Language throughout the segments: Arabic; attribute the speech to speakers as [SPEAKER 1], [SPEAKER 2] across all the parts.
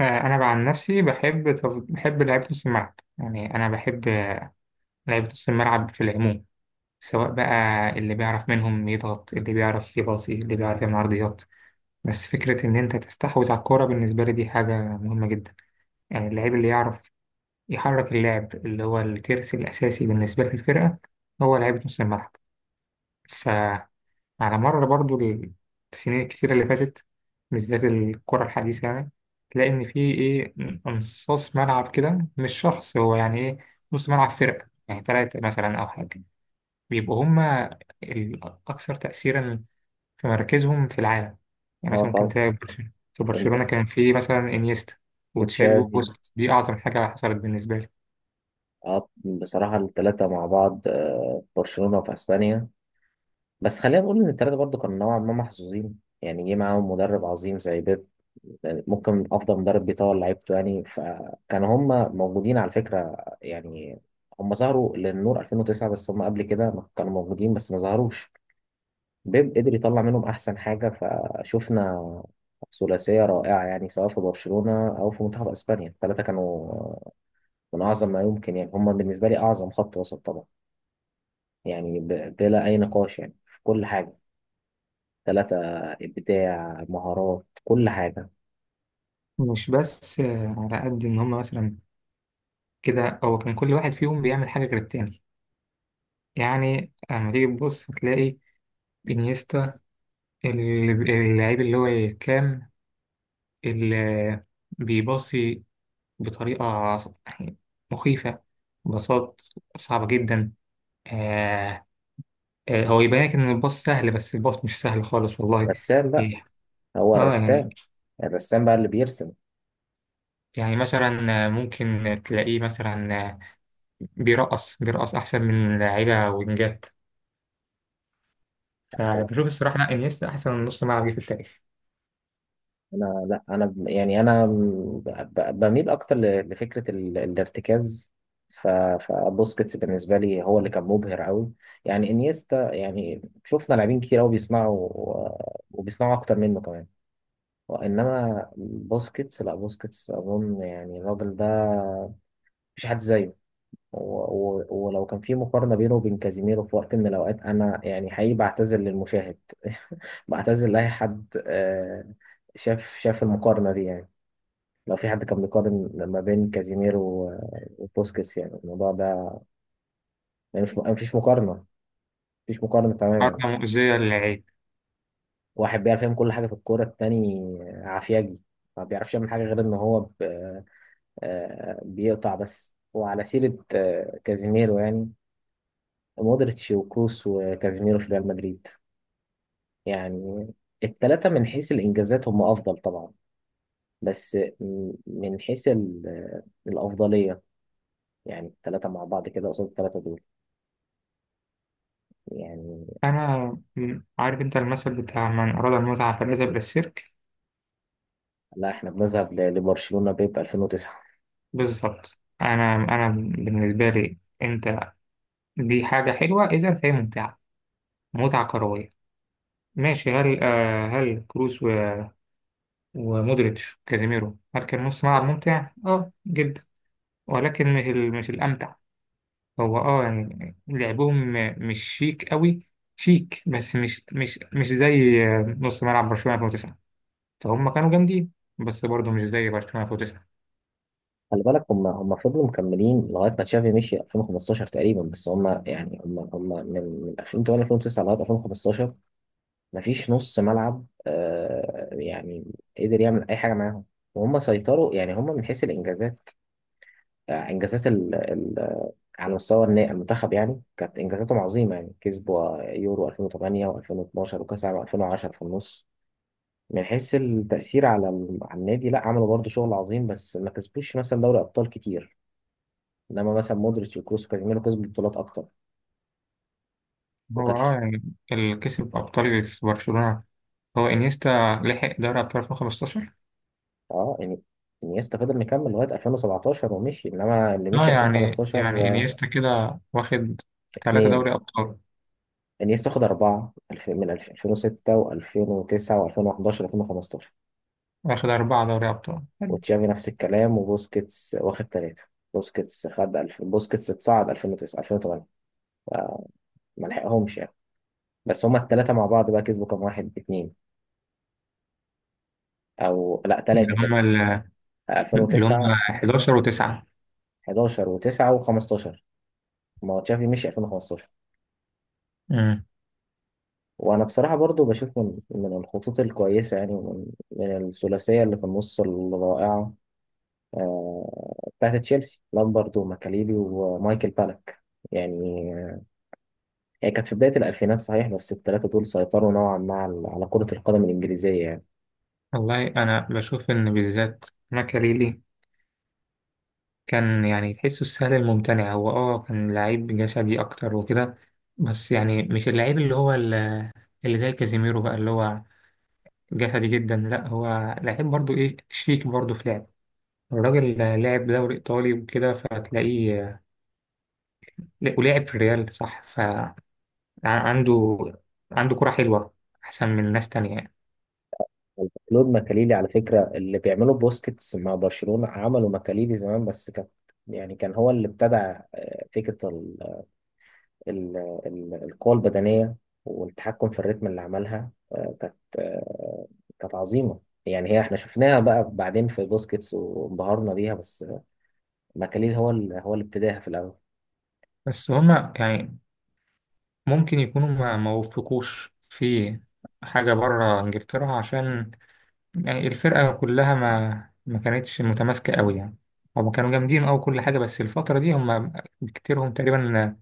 [SPEAKER 1] انا عن نفسي بحب، بحب لعيبه نص الملعب. يعني انا بحب لعيبه نص الملعب في العموم، سواء بقى اللي بيعرف منهم يضغط، اللي بيعرف يباصي، اللي بيعرف يعمل عرضيات. بس فكره ان انت تستحوذ على الكوره بالنسبه لي دي حاجه مهمه جدا. يعني اللعيب اللي يعرف يحرك اللعب، اللي هو الترس الاساسي بالنسبه للفرقه، هو لعيبه نص الملعب. على مر برضو السنين الكتيرة اللي فاتت، بالذات الكرة الحديثة، يعني تلاقي إن في إيه، نصاص ملعب كده، مش شخص، هو يعني إيه، نص ملعب فرقة يعني تلاتة مثلا أو حاجة، بيبقوا هما الأكثر تأثيرا في مراكزهم في العالم. يعني
[SPEAKER 2] اه
[SPEAKER 1] مثلا ممكن
[SPEAKER 2] طبعا،
[SPEAKER 1] تلاقي في
[SPEAKER 2] انت
[SPEAKER 1] برشلونة كان في مثلا إنيستا وتشافي
[SPEAKER 2] وتشافي.
[SPEAKER 1] وبوسكيتس، دي أعظم حاجة حصلت بالنسبة لي.
[SPEAKER 2] اه بصراحة الثلاثة مع بعض في برشلونة وفي اسبانيا. بس خلينا نقول ان الثلاثة برضو كانوا نوعا ما محظوظين، يعني جه معاهم مدرب عظيم زي بيب. يعني ممكن افضل مدرب بيطور لعيبته، يعني فكانوا هم موجودين على فكرة. يعني هم ظهروا للنور 2009، بس هم قبل كده ما كانوا موجودين بس ما ظهروش. بيب قدر يطلع منهم احسن حاجة، فشفنا ثلاثية رائعة، يعني سواء في برشلونة او في منتخب اسبانيا الثلاثة كانوا من أعظم ما يمكن. يعني هم بالنسبة لي أعظم خط وسط طبعا، يعني بلا أي نقاش، يعني في كل حاجة. ثلاثة، إبداع، مهارات، كل حاجة.
[SPEAKER 1] مش بس على قد إن هما مثلا كده، هو كان كل واحد فيهم بيعمل حاجة غير التاني. يعني لما تيجي تبص تلاقي بينيستا، اللعيب اللي هو الكام، اللي بيباصي بطريقة يعني مخيفة، باصات صعبة جدا. آه، هو يبان لك إن الباص سهل، بس الباص مش سهل خالص والله.
[SPEAKER 2] رسام بقى،
[SPEAKER 1] إيه.
[SPEAKER 2] هو
[SPEAKER 1] اه يعني،
[SPEAKER 2] الرسام، الرسام بقى اللي بيرسم.
[SPEAKER 1] يعني مثلا ممكن تلاقيه مثلا بيرقص، بيرقص أحسن من لعيبة وينجات. فبشوف الصراحة لا، انيستا أحسن نص ملعب جه في التاريخ.
[SPEAKER 2] أنا لا، أنا بميل أكتر لفكرة الارتكاز. ف- فبوسكيتس بالنسبة لي هو اللي كان مبهر أوي. يعني إنيستا، يعني شفنا لاعبين كتير أوي بيصنعوا، وبيصنعوا أكتر منه كمان. انما بوسكيتس، لا بوسكيتس اظن يعني الراجل ده مفيش حد زيه. و- ولو كان في مقارنه بينه وبين كازيميرو في وقت من الاوقات، انا يعني حقيقي بعتذر للمشاهد بعتذر لاي حد. شاف شاف المقارنه دي، يعني لو في حد كان بيقارن ما بين كازيميرو وبوسكيتس، يعني الموضوع ده يعني مش، مفيش مقارنه، مفيش مقارنه تماما.
[SPEAKER 1] حركة مؤذية للعين.
[SPEAKER 2] واحد بيعرف يعمل كل حاجه في الكوره، التاني عافياجي ما بيعرفش يعمل حاجه غير ان هو بيقطع بس. وعلى سيرة كازيميرو، يعني مودريتش وكروس وكازيميرو في ريال مدريد، يعني الثلاثة من حيث الإنجازات هم أفضل طبعا. بس من حيث الأفضلية، يعني الثلاثة مع بعض كده قصاد الثلاثة دول. يعني
[SPEAKER 1] أنا عارف أنت المثل بتاع من أراد المتعة فليذهب إلى السيرك.
[SPEAKER 2] لا، احنا بنذهب لبرشلونة بيب 2009.
[SPEAKER 1] بالظبط، أنا أنا بالنسبة لي أنت، دي حاجة حلوة إذا فهي ممتعة، متعة كروية. ماشي، هل آه هل كروس ومودريتش كازيميرو هل كان نص ملعب ممتع؟ أه جدا، ولكن مش مش الأمتع. هو أه يعني لعبهم مش شيك قوي، شيك بس مش زي آه، نص ملعب برشلونة 2009. فهم كانوا جامدين، بس برضه مش زي برشلونة 2009.
[SPEAKER 2] خلي بالك هم فضلوا مكملين لغاية ما تشافي مشي 2015 تقريبا، بس هم يعني هم من 2008 2009 لغاية 2015. مفيش نص ملعب يعني قدر يعمل اي حاجه معاهم. وهم سيطروا، يعني هم من حيث الانجازات، انجازات ال ال على مستوى المنتخب. يعني كانت انجازاتهم عظيمه، يعني كسبوا يورو 2008 و2012 وكاس العالم 2010 في النص. من حيث التاثير على على النادي، لا عملوا برضه شغل عظيم، بس ما كسبوش مثلا دوري ابطال كتير. انما مثلا مودريتش وكروس وكازيميرو كسبوا بطولات اكتر.
[SPEAKER 1] هو
[SPEAKER 2] وكانت
[SPEAKER 1] اه يعني اللي كسب أبطال في برشلونة هو إنيستا، لحق دوري أبطال 2015.
[SPEAKER 2] اه يعني انيستا فضل مكمل لغايه 2017 ومشي، انما اللي
[SPEAKER 1] اه
[SPEAKER 2] مشي
[SPEAKER 1] يعني،
[SPEAKER 2] 2015.
[SPEAKER 1] يعني
[SPEAKER 2] آه،
[SPEAKER 1] إنيستا كده واخد ثلاثة
[SPEAKER 2] اتنين.
[SPEAKER 1] دوري أبطال
[SPEAKER 2] انيستا خد أربعة، 2006 و2009 و2011 و2015.
[SPEAKER 1] واخد 4 دوري أبطال، حلو.
[SPEAKER 2] وتشافي نفس الكلام، وبوسكيتس واخد ثلاثة. بوسكيتس خد بوسكيتس اتصعد 2009 2008، ما لحقهمش يعني. بس هما الثلاثة مع بعض بقى كسبوا كام، واحد، اتنين، أو لا
[SPEAKER 1] اللي
[SPEAKER 2] ثلاثة
[SPEAKER 1] هم
[SPEAKER 2] كده.
[SPEAKER 1] ال- اللي هم
[SPEAKER 2] 2009،
[SPEAKER 1] 11 وتسعة.
[SPEAKER 2] 11 و9 و15. ما هو تشافي مشي 2015.
[SPEAKER 1] امم.
[SPEAKER 2] وأنا بصراحة برضو بشوف من الخطوط الكويسة، يعني من الثلاثية اللي في النص الرائعة، بتاعت تشيلسي، لامبرد وماكاليلي ومايكل بالك. يعني هي كانت في بداية الألفينات صحيح، بس الثلاثة دول سيطروا نوعا ما على كرة القدم الإنجليزية يعني.
[SPEAKER 1] والله أنا بشوف إن بالذات ماكاليلي كان يعني تحسه السهل الممتنع، هو اه كان لعيب جسدي أكتر وكده. بس يعني مش اللعيب اللي هو اللي زي كازيميرو بقى اللي هو جسدي جدا، لا هو لعيب برضو، ايه شيك برضو في لعب. الراجل لعب دوري ايطالي وكده، فتلاقيه ولعب في الريال، صح؟ فعنده، عنده كرة حلوة احسن من ناس تانية يعني.
[SPEAKER 2] كلود ماكاليلي، على فكرة اللي بيعملوا بوسكيتس مع برشلونة عملوا ماكاليلي زمان، بس كانت يعني كان هو اللي ابتدع فكرة ال- القوة البدنية والتحكم في الريتم اللي عملها. كانت كانت عظيمة. يعني هي احنا شفناها بقى بعدين في بوسكيتس وانبهرنا بيها، بس ماكاليل هو هو اللي ابتداها في الاول.
[SPEAKER 1] بس هما يعني ممكن يكونوا ما وفقوش في حاجة بره انجلترا، عشان يعني الفرقة كلها ما كانتش متماسكة قوي يعني. هما كانوا جامدين أوي، كل حاجة، بس الفترة دي هما بكتيرهم تقريبا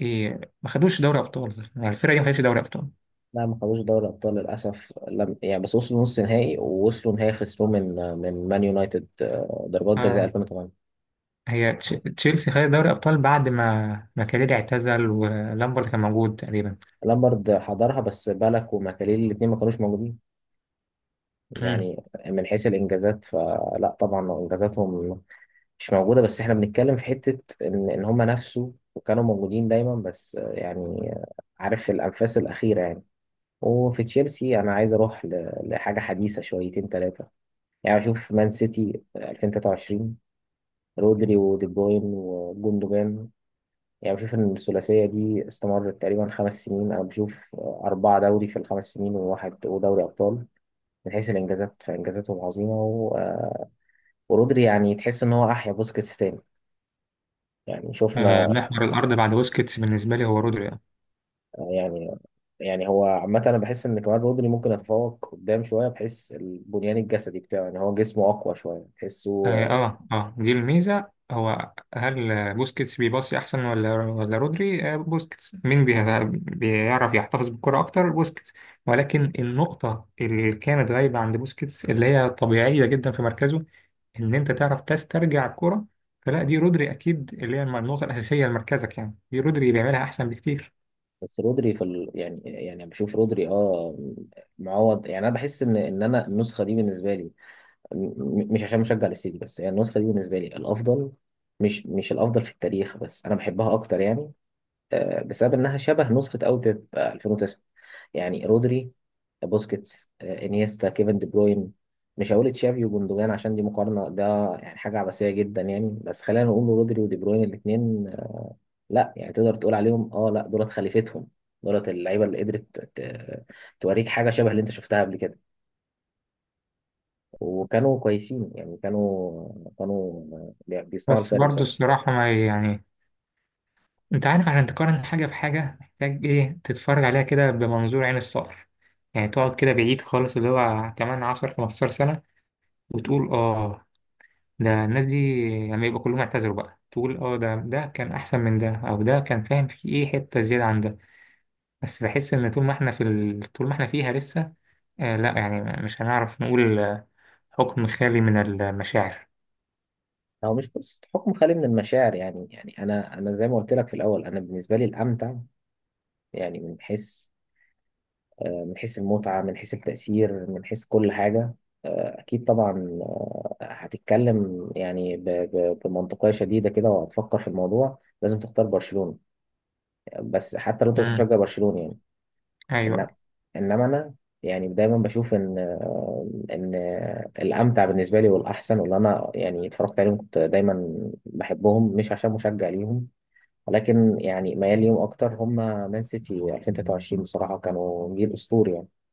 [SPEAKER 1] إيه، ما خدوش دوري أبطال. يعني الفرقة دي ما خدتش دوري أبطال.
[SPEAKER 2] لا، ما خدوش دوري ابطال للاسف، لم... يعني بس وصلوا نص نهائي ووصلوا نهائي خسروه من مان يونايتد، ضربات جزاء
[SPEAKER 1] اه،
[SPEAKER 2] 2008.
[SPEAKER 1] هي تش- تشيلسي خدت دوري ابطال بعد ما كاريري اعتزل ولامبرد كان موجود تقريبا.
[SPEAKER 2] لامبرد حضرها بس بالك، وماكاليل الاثنين ما كانوش موجودين.
[SPEAKER 1] مم.
[SPEAKER 2] يعني من حيث الانجازات فلا، طبعا انجازاتهم مش موجوده، بس احنا بنتكلم في حته ان هم نفسوا وكانوا موجودين دايما، بس يعني عارف الانفاس الاخيره يعني. وفي تشيلسي، انا عايز اروح لحاجه حديثه شويتين ثلاثه. يعني بشوف مان سيتي 2023، رودري ودي بروين وجوندوجان. يعني بشوف ان الثلاثيه دي استمرت تقريبا 5 سنين. انا بشوف اربعه دوري في الخمس سنين وواحد ودوري ابطال. من حيث الانجازات فانجازاتهم عظيمه، ورودري يعني تحس ان هو احيا بوسكيتس تاني. يعني
[SPEAKER 1] آه،
[SPEAKER 2] شفنا،
[SPEAKER 1] محور الارض بعد بوسكيتس بالنسبه لي هو رودري، آه.
[SPEAKER 2] يعني يعني هو عامة أنا بحس إن كمان رودري ممكن يتفوق قدام شوية، بحيث البنيان الجسدي بتاعه يعني هو جسمه أقوى شوية تحسه.
[SPEAKER 1] اه آه، دي الميزة. هو هل آه، بوسكيتس بيباصي أحسن ولا رودري؟ آه، بوسكيتس. مين بيعرف يحتفظ بالكرة أكتر؟ بوسكيتس. ولكن النقطة اللي كانت غايبة عند بوسكيتس، اللي هي طبيعية جدا في مركزه، إن أنت تعرف تسترجع الكرة، فلا دي رودري أكيد، اللي هي النقطة الأساسية لمركزك، يعني دي رودري بيعملها أحسن بكتير.
[SPEAKER 2] بس رودري في يعني بشوف رودري، معوض. يعني انا بحس ان انا النسخه دي بالنسبه لي، مش عشان مشجع للسيتي بس، يعني النسخه دي بالنسبه لي الافضل. مش الافضل في التاريخ، بس انا بحبها اكتر، يعني بسبب انها شبه نسخه اوي بيب 2009. يعني رودري، بوسكيتس، انيستا، كيفن دي بروين. مش هقول تشافي وجوندوجان عشان دي مقارنه، ده يعني حاجه عبثيه جدا يعني. بس خلينا نقول رودري ودي بروين الاثنين، لا، يعني تقدر تقول عليهم، لا، دولت خليفتهم. دولت اللعيبه اللي قدرت ت- توريك حاجه شبه اللي انت شفتها قبل كده. وكانوا كويسين، يعني كانوا بيصنعوا
[SPEAKER 1] بس
[SPEAKER 2] الفرق
[SPEAKER 1] برضه
[SPEAKER 2] بصراحه.
[SPEAKER 1] الصراحة ما يعني، انت عارف، عشان تقارن حاجة بحاجة محتاج ايه، تتفرج عليها كده بمنظور عين الصقر. يعني تقعد كده بعيد خالص، اللي هو كمان 10 15 سنة، وتقول اه ده الناس دي لما يبقى كلهم اعتذروا بقى تقول اه ده كان احسن من ده، او ده كان فاهم في ايه حتة زيادة عن ده. بس بحس ان طول ما احنا في ال... طول ما احنا فيها لسه، آه لا يعني مش هنعرف نقول آه، حكم خالي من المشاعر.
[SPEAKER 2] هو مش قصه حكم خالي من المشاعر، يعني انا، زي ما قلت لك في الاول، انا بالنسبه لي الامتع، يعني من حيث، المتعه، من حيث التاثير، من حيث كل حاجه. اكيد طبعا. هتتكلم يعني بمنطقيه شديده كده، وهتفكر في الموضوع لازم تختار برشلونه. بس حتى لو انت مش
[SPEAKER 1] امم،
[SPEAKER 2] مشجع برشلوني يعني،
[SPEAKER 1] ايوه.
[SPEAKER 2] انما انما انا يعني دايما بشوف ان ان الامتع بالنسبه لي والاحسن، واللي انا يعني اتفرجت عليهم كنت دايما بحبهم، مش عشان مشجع ليهم ولكن يعني ميال ليهم اكتر هم. مان سيتي 2023 بصراحه كانوا جيل اسطوري يعني.